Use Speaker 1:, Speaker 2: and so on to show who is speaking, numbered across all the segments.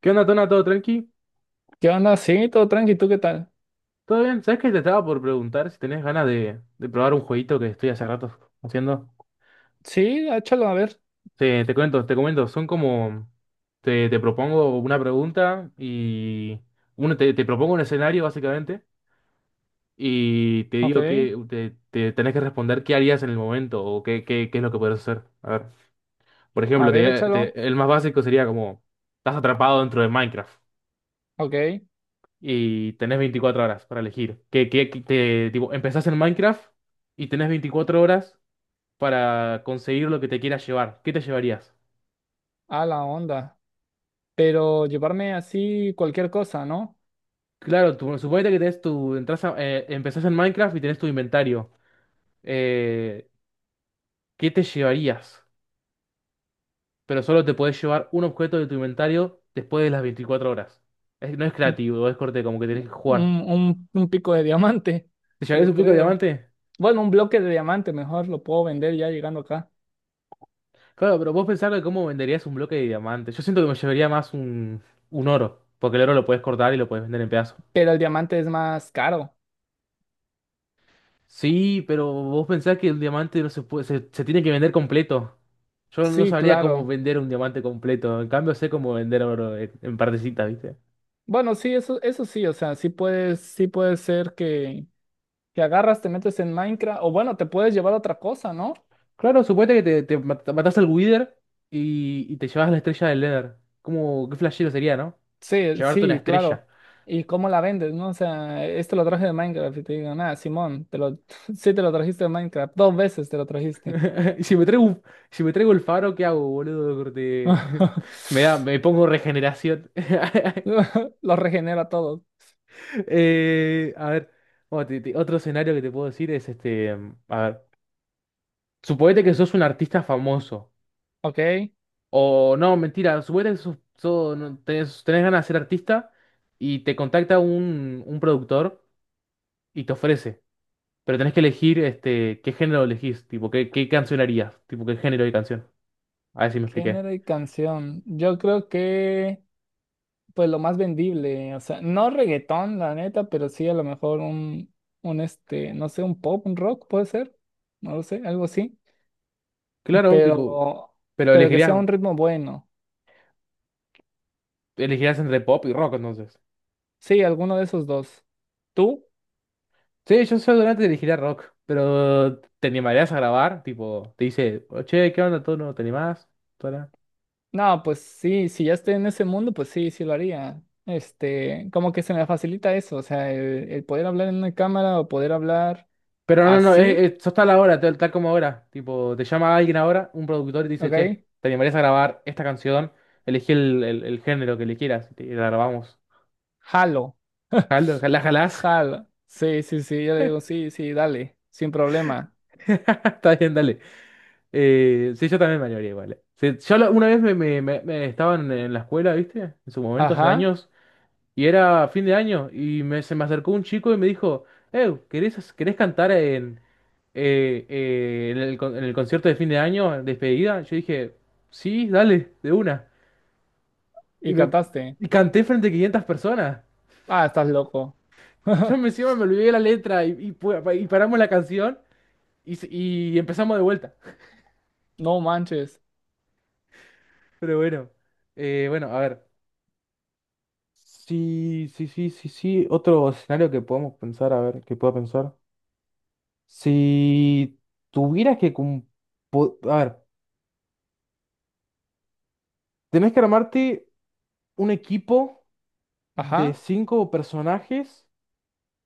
Speaker 1: ¿Qué onda, Tona? ¿Todo tranqui?
Speaker 2: ¿Qué onda? Sí, todo tranqui, ¿tú qué tal?
Speaker 1: ¿Todo bien? ¿Sabes que te estaba por preguntar si tenés ganas de probar un jueguito que estoy hace rato haciendo?
Speaker 2: Sí, échalo, a ver.
Speaker 1: Te cuento, te comento, son como... Te propongo una pregunta y... Uno, te propongo un escenario, básicamente, y te
Speaker 2: Ok,
Speaker 1: digo que te tenés que responder qué harías en el momento o qué es lo que podrías hacer. A ver, por
Speaker 2: a
Speaker 1: ejemplo,
Speaker 2: ver, échalo.
Speaker 1: el más básico sería como... Estás atrapado dentro de Minecraft,
Speaker 2: Ok,
Speaker 1: y tenés 24 horas para elegir. Que te, tipo, empezás en Minecraft y tenés 24 horas para conseguir lo que te quieras llevar. ¿Qué te llevarías?
Speaker 2: a la onda. Pero llevarme así cualquier cosa, ¿no?
Speaker 1: Claro, tú, suponete que tenés tu, entras empezás en Minecraft y tenés tu inventario. Eh, ¿Qué te llevarías? Pero solo te podés llevar un objeto de tu inventario después de las 24 horas. No es
Speaker 2: Un,
Speaker 1: creativo, es corte, como que tenés que
Speaker 2: un,
Speaker 1: jugar.
Speaker 2: un- un pico de diamante,
Speaker 1: ¿Te llevarías
Speaker 2: yo
Speaker 1: un pico de
Speaker 2: creo.
Speaker 1: diamante?
Speaker 2: Bueno, un bloque de diamante mejor, lo puedo vender ya llegando acá.
Speaker 1: Claro, pero vos pensás que cómo venderías un bloque de diamante. Yo siento que me llevaría más un oro, porque el oro lo puedes cortar y lo puedes vender en pedazos.
Speaker 2: Pero el diamante es más caro.
Speaker 1: Sí, pero vos pensás que el diamante no se puede, se tiene que vender completo. Yo no
Speaker 2: Sí,
Speaker 1: sabría cómo
Speaker 2: claro.
Speaker 1: vender un diamante completo. En cambio, sé cómo vender oro en partecitas, ¿viste?
Speaker 2: Bueno, sí, eso sí, o sea, sí puedes, sí puede ser que agarras, te metes en Minecraft, o bueno, te puedes llevar otra cosa, ¿no?
Speaker 1: Claro, suponete que te, matás al Wither y te llevas la estrella del Nether. ¿Cómo, qué flashero sería, no?
Speaker 2: Sí,
Speaker 1: Llevarte una
Speaker 2: sí,
Speaker 1: estrella.
Speaker 2: claro. ¿Y cómo la vendes, no? O sea, esto lo traje de Minecraft y te digo, nada, Simón, te lo, sí te lo trajiste de Minecraft, dos veces te lo trajiste.
Speaker 1: Y si me traigo, si me traigo el faro, ¿qué hago, boludo? Corte. Me pongo regeneración.
Speaker 2: Lo regenera a todos.
Speaker 1: A ver, bueno, otro escenario que te puedo decir es este, a ver, suponete que sos un artista famoso.
Speaker 2: Ok,
Speaker 1: O no, mentira, suponete que no, tenés ganas de ser artista y te contacta un productor y te ofrece. Pero tenés que elegir este, qué género elegís, tipo, qué canción harías, tipo, qué género de canción. A ver si me expliqué.
Speaker 2: género y canción. Yo creo que, pues lo más vendible, o sea, no reggaetón, la neta, pero sí a lo mejor un este, no sé, un pop, un rock, puede ser, no lo sé, algo así.
Speaker 1: Claro, tipo,
Speaker 2: Pero,
Speaker 1: pero
Speaker 2: pero que sea
Speaker 1: elegirías.
Speaker 2: un ritmo bueno.
Speaker 1: Elegirás entre pop y rock, entonces.
Speaker 2: Sí, alguno de esos dos. ¿Tú?
Speaker 1: Sí, yo seguramente elegiría rock, pero ¿te animarías a grabar? Tipo, te dice, "Oh, che, ¿qué onda? ¿Tú no te animás? Tola".
Speaker 2: No, pues sí, si ya estoy en ese mundo, pues sí, sí lo haría. Este, como que se me facilita eso, o sea, el poder hablar en una cámara o poder hablar
Speaker 1: Pero no,
Speaker 2: así,
Speaker 1: sos tal ahora, tal como ahora. Tipo, te llama alguien ahora, un productor, y te dice, che,
Speaker 2: ¿ok?
Speaker 1: ¿te animarías a grabar esta canción? Elegí el género que le quieras y la grabamos.
Speaker 2: Jalo.
Speaker 1: Jalo, ¿la jalás?
Speaker 2: Jalo. Sí, sí, sí, yo le digo, sí, sí, dale, sin problema.
Speaker 1: Está bien, dale. Sí, yo también me animaría igual. Sí, una vez estaba en la escuela, ¿viste? En su momento, hace
Speaker 2: Ajá,
Speaker 1: años. Y era fin de año y se me acercó un chico y me dijo, ¿querés, querés cantar en el, en el concierto de fin de año, en despedida? Yo dije, sí, dale, de una. Y,
Speaker 2: y
Speaker 1: me,
Speaker 2: cantaste.
Speaker 1: y canté frente a 500 personas.
Speaker 2: Ah, estás loco.
Speaker 1: Yo me encima me olvidé la letra y paramos la canción y empezamos de vuelta.
Speaker 2: No manches.
Speaker 1: Pero bueno, bueno, a ver. Sí, sí, sí, sí, sí. Otro escenario que podemos pensar, a ver, que pueda pensar. Si tuvieras que... A ver, tenés que armarte un equipo de
Speaker 2: Ajá,
Speaker 1: cinco personajes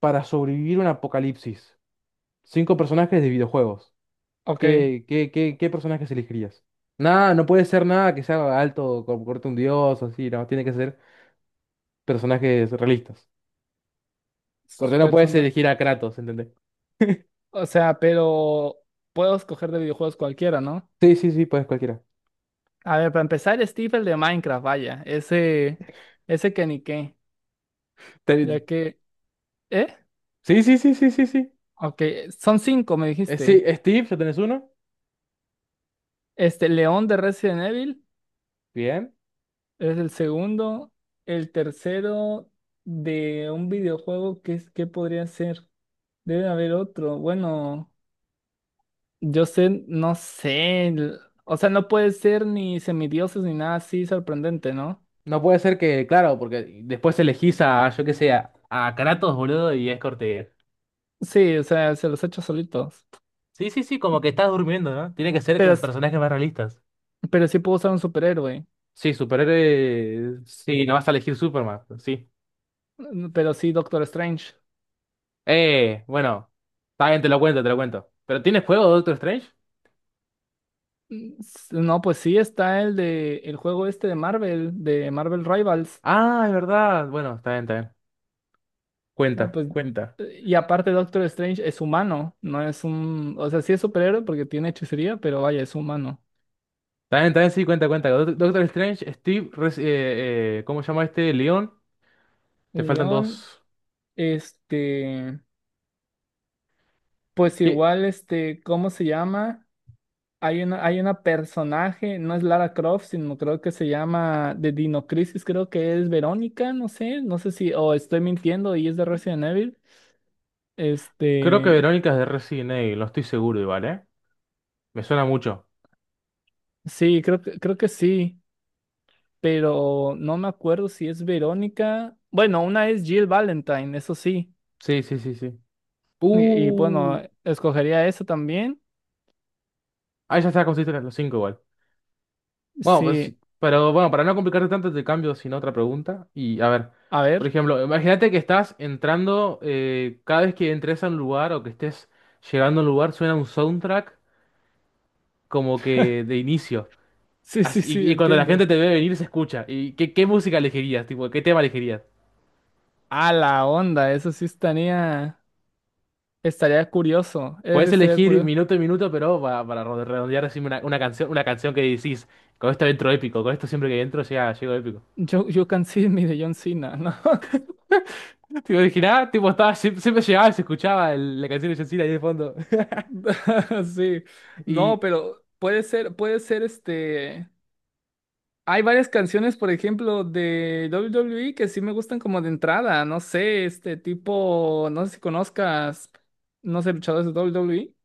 Speaker 1: para sobrevivir un apocalipsis. Cinco personajes de videojuegos.
Speaker 2: ok.
Speaker 1: ¿Qué personajes elegirías? Nada, no puede ser nada que sea alto, como corte un dios, así, no, tiene que ser personajes realistas. Corte, no puedes
Speaker 2: Persona.
Speaker 1: elegir a Kratos, ¿entendés?
Speaker 2: O sea, pero puedo escoger de videojuegos cualquiera, ¿no?
Speaker 1: Sí, sí, sí, puedes cualquiera.
Speaker 2: A ver, para empezar, Steve, el de Minecraft, vaya, ese que ni qué,
Speaker 1: Te-
Speaker 2: ya que, ¿eh?
Speaker 1: Sí, sí, sí, sí, sí, sí.
Speaker 2: Ok, son cinco, me
Speaker 1: Sí,
Speaker 2: dijiste.
Speaker 1: Steve, ya tenés uno.
Speaker 2: Este, León de Resident Evil
Speaker 1: Bien.
Speaker 2: es el segundo, el tercero de un videojuego, ¿ qué podría ser? Debe haber otro, bueno, yo sé, no sé, o sea, no puede ser ni semidioses ni nada así sorprendente, ¿no?
Speaker 1: No puede ser que, claro, porque después elegís a, yo qué sé, a Kratos, boludo, y es Cortez.
Speaker 2: Sí, o sea, se los he hecho solitos,
Speaker 1: Sí, sí, sí, como que estás durmiendo, ¿no? Tiene que ser
Speaker 2: pero,
Speaker 1: con personajes más realistas.
Speaker 2: pero sí puedo usar un superhéroe.
Speaker 1: Sí, superhéroe. Sí, no vas a elegir Superman, sí.
Speaker 2: Pero sí, Doctor Strange.
Speaker 1: Bueno, está bien, te lo cuento, te lo cuento. ¿Pero tienes juego de Doctor Strange?
Speaker 2: No, pues sí está el de el juego este de Marvel Rivals.
Speaker 1: Ah, es verdad. Bueno, está bien, está bien.
Speaker 2: No,
Speaker 1: Cuenta,
Speaker 2: pues,
Speaker 1: cuenta.
Speaker 2: y aparte Doctor Strange es humano, no es un, o sea, sí es superhéroe porque tiene hechicería, pero vaya, es humano.
Speaker 1: Está bien, sí, cuenta, cuenta. Doctor Strange, Steve, ¿cómo se llama este? León. Te faltan
Speaker 2: León,
Speaker 1: dos.
Speaker 2: este, pues
Speaker 1: ¿Qué?
Speaker 2: igual, este, ¿cómo se llama? Hay una personaje, no es Lara Croft, sino creo que se llama de Dino Crisis, creo que es Verónica, no sé, no sé si, o estoy mintiendo y es de Resident Evil.
Speaker 1: Creo que
Speaker 2: Este,
Speaker 1: Verónica es de Resident Evil, no estoy seguro igual, ¿eh? Me suena mucho.
Speaker 2: sí, creo que sí, pero no me acuerdo si es Verónica. Bueno, una es Jill Valentine, eso sí.
Speaker 1: Sí, sí, sí, sí.
Speaker 2: Y, y
Speaker 1: Uh.
Speaker 2: bueno, escogería eso también.
Speaker 1: Ahí ya está, consiste en los cinco igual. Bueno, pues
Speaker 2: Sí,
Speaker 1: sí. Pero bueno, para no complicarte tanto, te cambio sin otra pregunta. Y a ver,
Speaker 2: a
Speaker 1: por
Speaker 2: ver.
Speaker 1: ejemplo, imagínate que estás entrando, cada vez que entres a un lugar o que estés llegando a un lugar, suena un soundtrack como que de inicio.
Speaker 2: Sí, sí, sí,
Speaker 1: Y, y cuando la gente
Speaker 2: entiendo.
Speaker 1: te ve venir, se escucha. ¿Y qué, qué música elegirías? Tipo, ¿qué tema elegirías?
Speaker 2: A la onda, eso sí estaría, estaría curioso. Eso sí
Speaker 1: Puedes
Speaker 2: estaría
Speaker 1: elegir
Speaker 2: curioso.
Speaker 1: minuto y minuto, pero para, redondear, decime una canción que decís, con esto entro épico, con esto siempre que entro llega, llego épico.
Speaker 2: You, you can see me de John Cena, ¿no?
Speaker 1: Tipo, original, tipo, estaba, siempre llegaba y se escuchaba la canción de John Cena ahí de fondo.
Speaker 2: Sí. No,
Speaker 1: Y,
Speaker 2: pero puede ser este. Hay varias canciones, por ejemplo, de WWE que sí me gustan como de entrada. No sé, este tipo, no sé si conozcas, no sé, luchadores de WWE.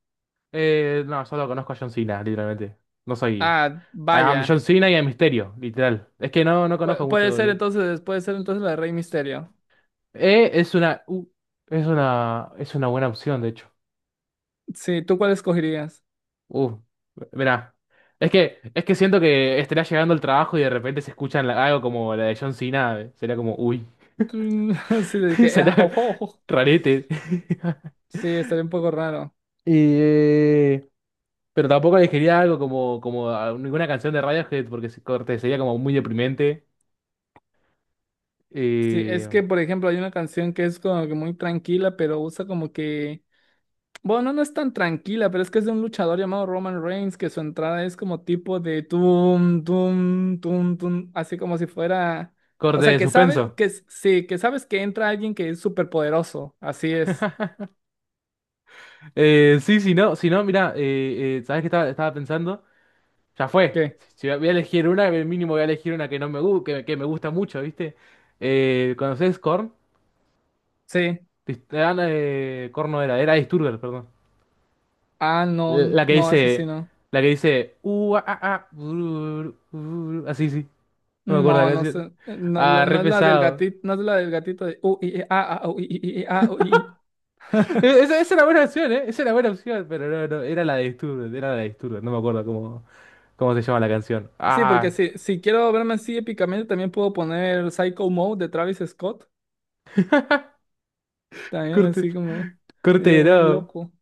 Speaker 1: no, solo conozco a John Cena, literalmente. No soy,
Speaker 2: Ah,
Speaker 1: a John
Speaker 2: vaya.
Speaker 1: Cena y a Misterio, literal. Es que no, no conozco mucho
Speaker 2: Puede ser
Speaker 1: doble.
Speaker 2: entonces, puede ser entonces la de Rey Misterio.
Speaker 1: E es una, u- es una buena opción, de hecho.
Speaker 2: Sí, ¿tú cuál escogerías?
Speaker 1: Uh, mirá. Es que siento que estaría llegando el trabajo y de repente se escuchan algo como la de John Cena. Sería como, uy,
Speaker 2: Mm, Sí, de que, ah,
Speaker 1: sería
Speaker 2: ojo, ojo.
Speaker 1: rarete.
Speaker 2: Sí, estaría un poco raro.
Speaker 1: Y eh, pero tampoco elegiría algo como, ninguna canción de Radiohead porque corte sería como muy deprimente.
Speaker 2: Sí, es
Speaker 1: Eh,
Speaker 2: que, por ejemplo, hay una canción que es como que muy tranquila, pero usa como que... Bueno, no es tan tranquila, pero es que es de un luchador llamado Roman Reigns, que su entrada es como tipo de tum, tum, tum, tum, así como si fuera. O
Speaker 1: Corte
Speaker 2: sea,
Speaker 1: de
Speaker 2: que sabes,
Speaker 1: suspenso.
Speaker 2: sí, que sabes que entra alguien que es súper poderoso. Así es.
Speaker 1: Sí, si no, si no, mira ¿sabés qué estaba pensando? Ya fue.
Speaker 2: ¿Qué?
Speaker 1: Si si voy a elegir una, mínimo voy a elegir una que no que me gusta mucho, ¿viste? ¿Conoces Korn?
Speaker 2: Sí.
Speaker 1: Tristán Corno era, era Disturber, perdón.
Speaker 2: Ah, no,
Speaker 1: La que
Speaker 2: no, eso sí
Speaker 1: dice,
Speaker 2: no.
Speaker 1: la que dice, ah, ah, ah, bururu, bururu". Así, sí, no me acuerdo la
Speaker 2: No, no
Speaker 1: canción.
Speaker 2: sé. No,
Speaker 1: Ah, re
Speaker 2: no es la del
Speaker 1: pesado.
Speaker 2: gatito, no es la del gatito de. I, i, ah, ah, i, i, i, ah, i, i".
Speaker 1: Esa, esa era buena opción, ¿eh? Esa era buena opción, pero no, no, era la de Disturber, era la de Disturber, no me acuerdo cómo, cómo se llama la canción.
Speaker 2: Sí, porque
Speaker 1: Ah,
Speaker 2: si, si quiero verme así épicamente, también puedo poner Psycho Mode de Travis Scott. También
Speaker 1: corte,
Speaker 2: así como,
Speaker 1: corte,
Speaker 2: yo bien
Speaker 1: no.
Speaker 2: loco.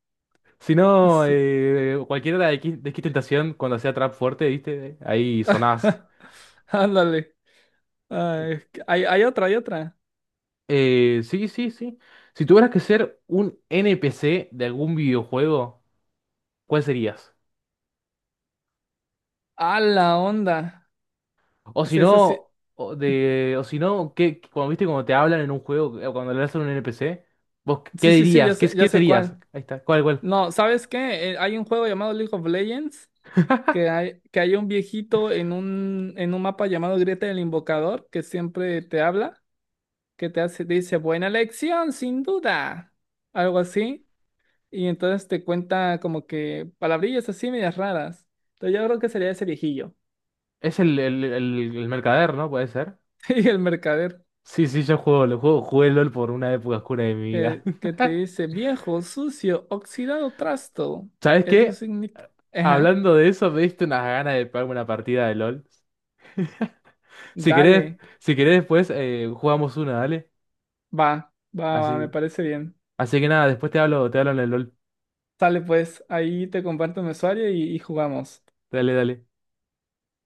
Speaker 1: Si no,
Speaker 2: Sí.
Speaker 1: cualquiera de X Tentación, cuando hacía trap fuerte, ¿viste? Ahí sonás.
Speaker 2: Ándale. Ay, es que hay otra.
Speaker 1: Sí, sí, sí. Si tuvieras que ser un NPC de algún videojuego, ¿cuál serías?
Speaker 2: A la onda.
Speaker 1: O
Speaker 2: Es
Speaker 1: si
Speaker 2: esa sí.
Speaker 1: no, o si no, ¿qué, cuando viste cuando te hablan en un juego, o cuando le hacen un NPC, vos qué
Speaker 2: Sí, sí, sí,
Speaker 1: dirías? ¿Qué,
Speaker 2: ya
Speaker 1: qué
Speaker 2: sé
Speaker 1: serías?
Speaker 2: cuál.
Speaker 1: Ahí está, ¿cuál, cuál?
Speaker 2: No, ¿sabes qué? Hay un juego llamado League of Legends que hay un viejito en un mapa llamado Grieta del Invocador que siempre te habla, que te hace, dice, buena elección, sin duda. Algo así. Y entonces te cuenta como que palabrillas así medias raras. Entonces yo creo que sería ese viejillo.
Speaker 1: Es el mercader, ¿no? Puede ser.
Speaker 2: Y el mercader
Speaker 1: Sí, sí, yo juego, lo juego, jugué LOL por una época oscura de mi vida.
Speaker 2: que te dice viejo, sucio, oxidado, trasto.
Speaker 1: ¿Sabes
Speaker 2: Eso
Speaker 1: qué?
Speaker 2: significa... Ajá,
Speaker 1: Hablando de eso, me diste unas ganas de pegarme una partida de LOL. Si querés,
Speaker 2: dale,
Speaker 1: si querés después, jugamos una, dale.
Speaker 2: va, va, me
Speaker 1: Así.
Speaker 2: parece bien.
Speaker 1: Así que nada, después te hablo en el LOL.
Speaker 2: Sale pues, ahí te comparto mi usuario y jugamos.
Speaker 1: Dale, dale.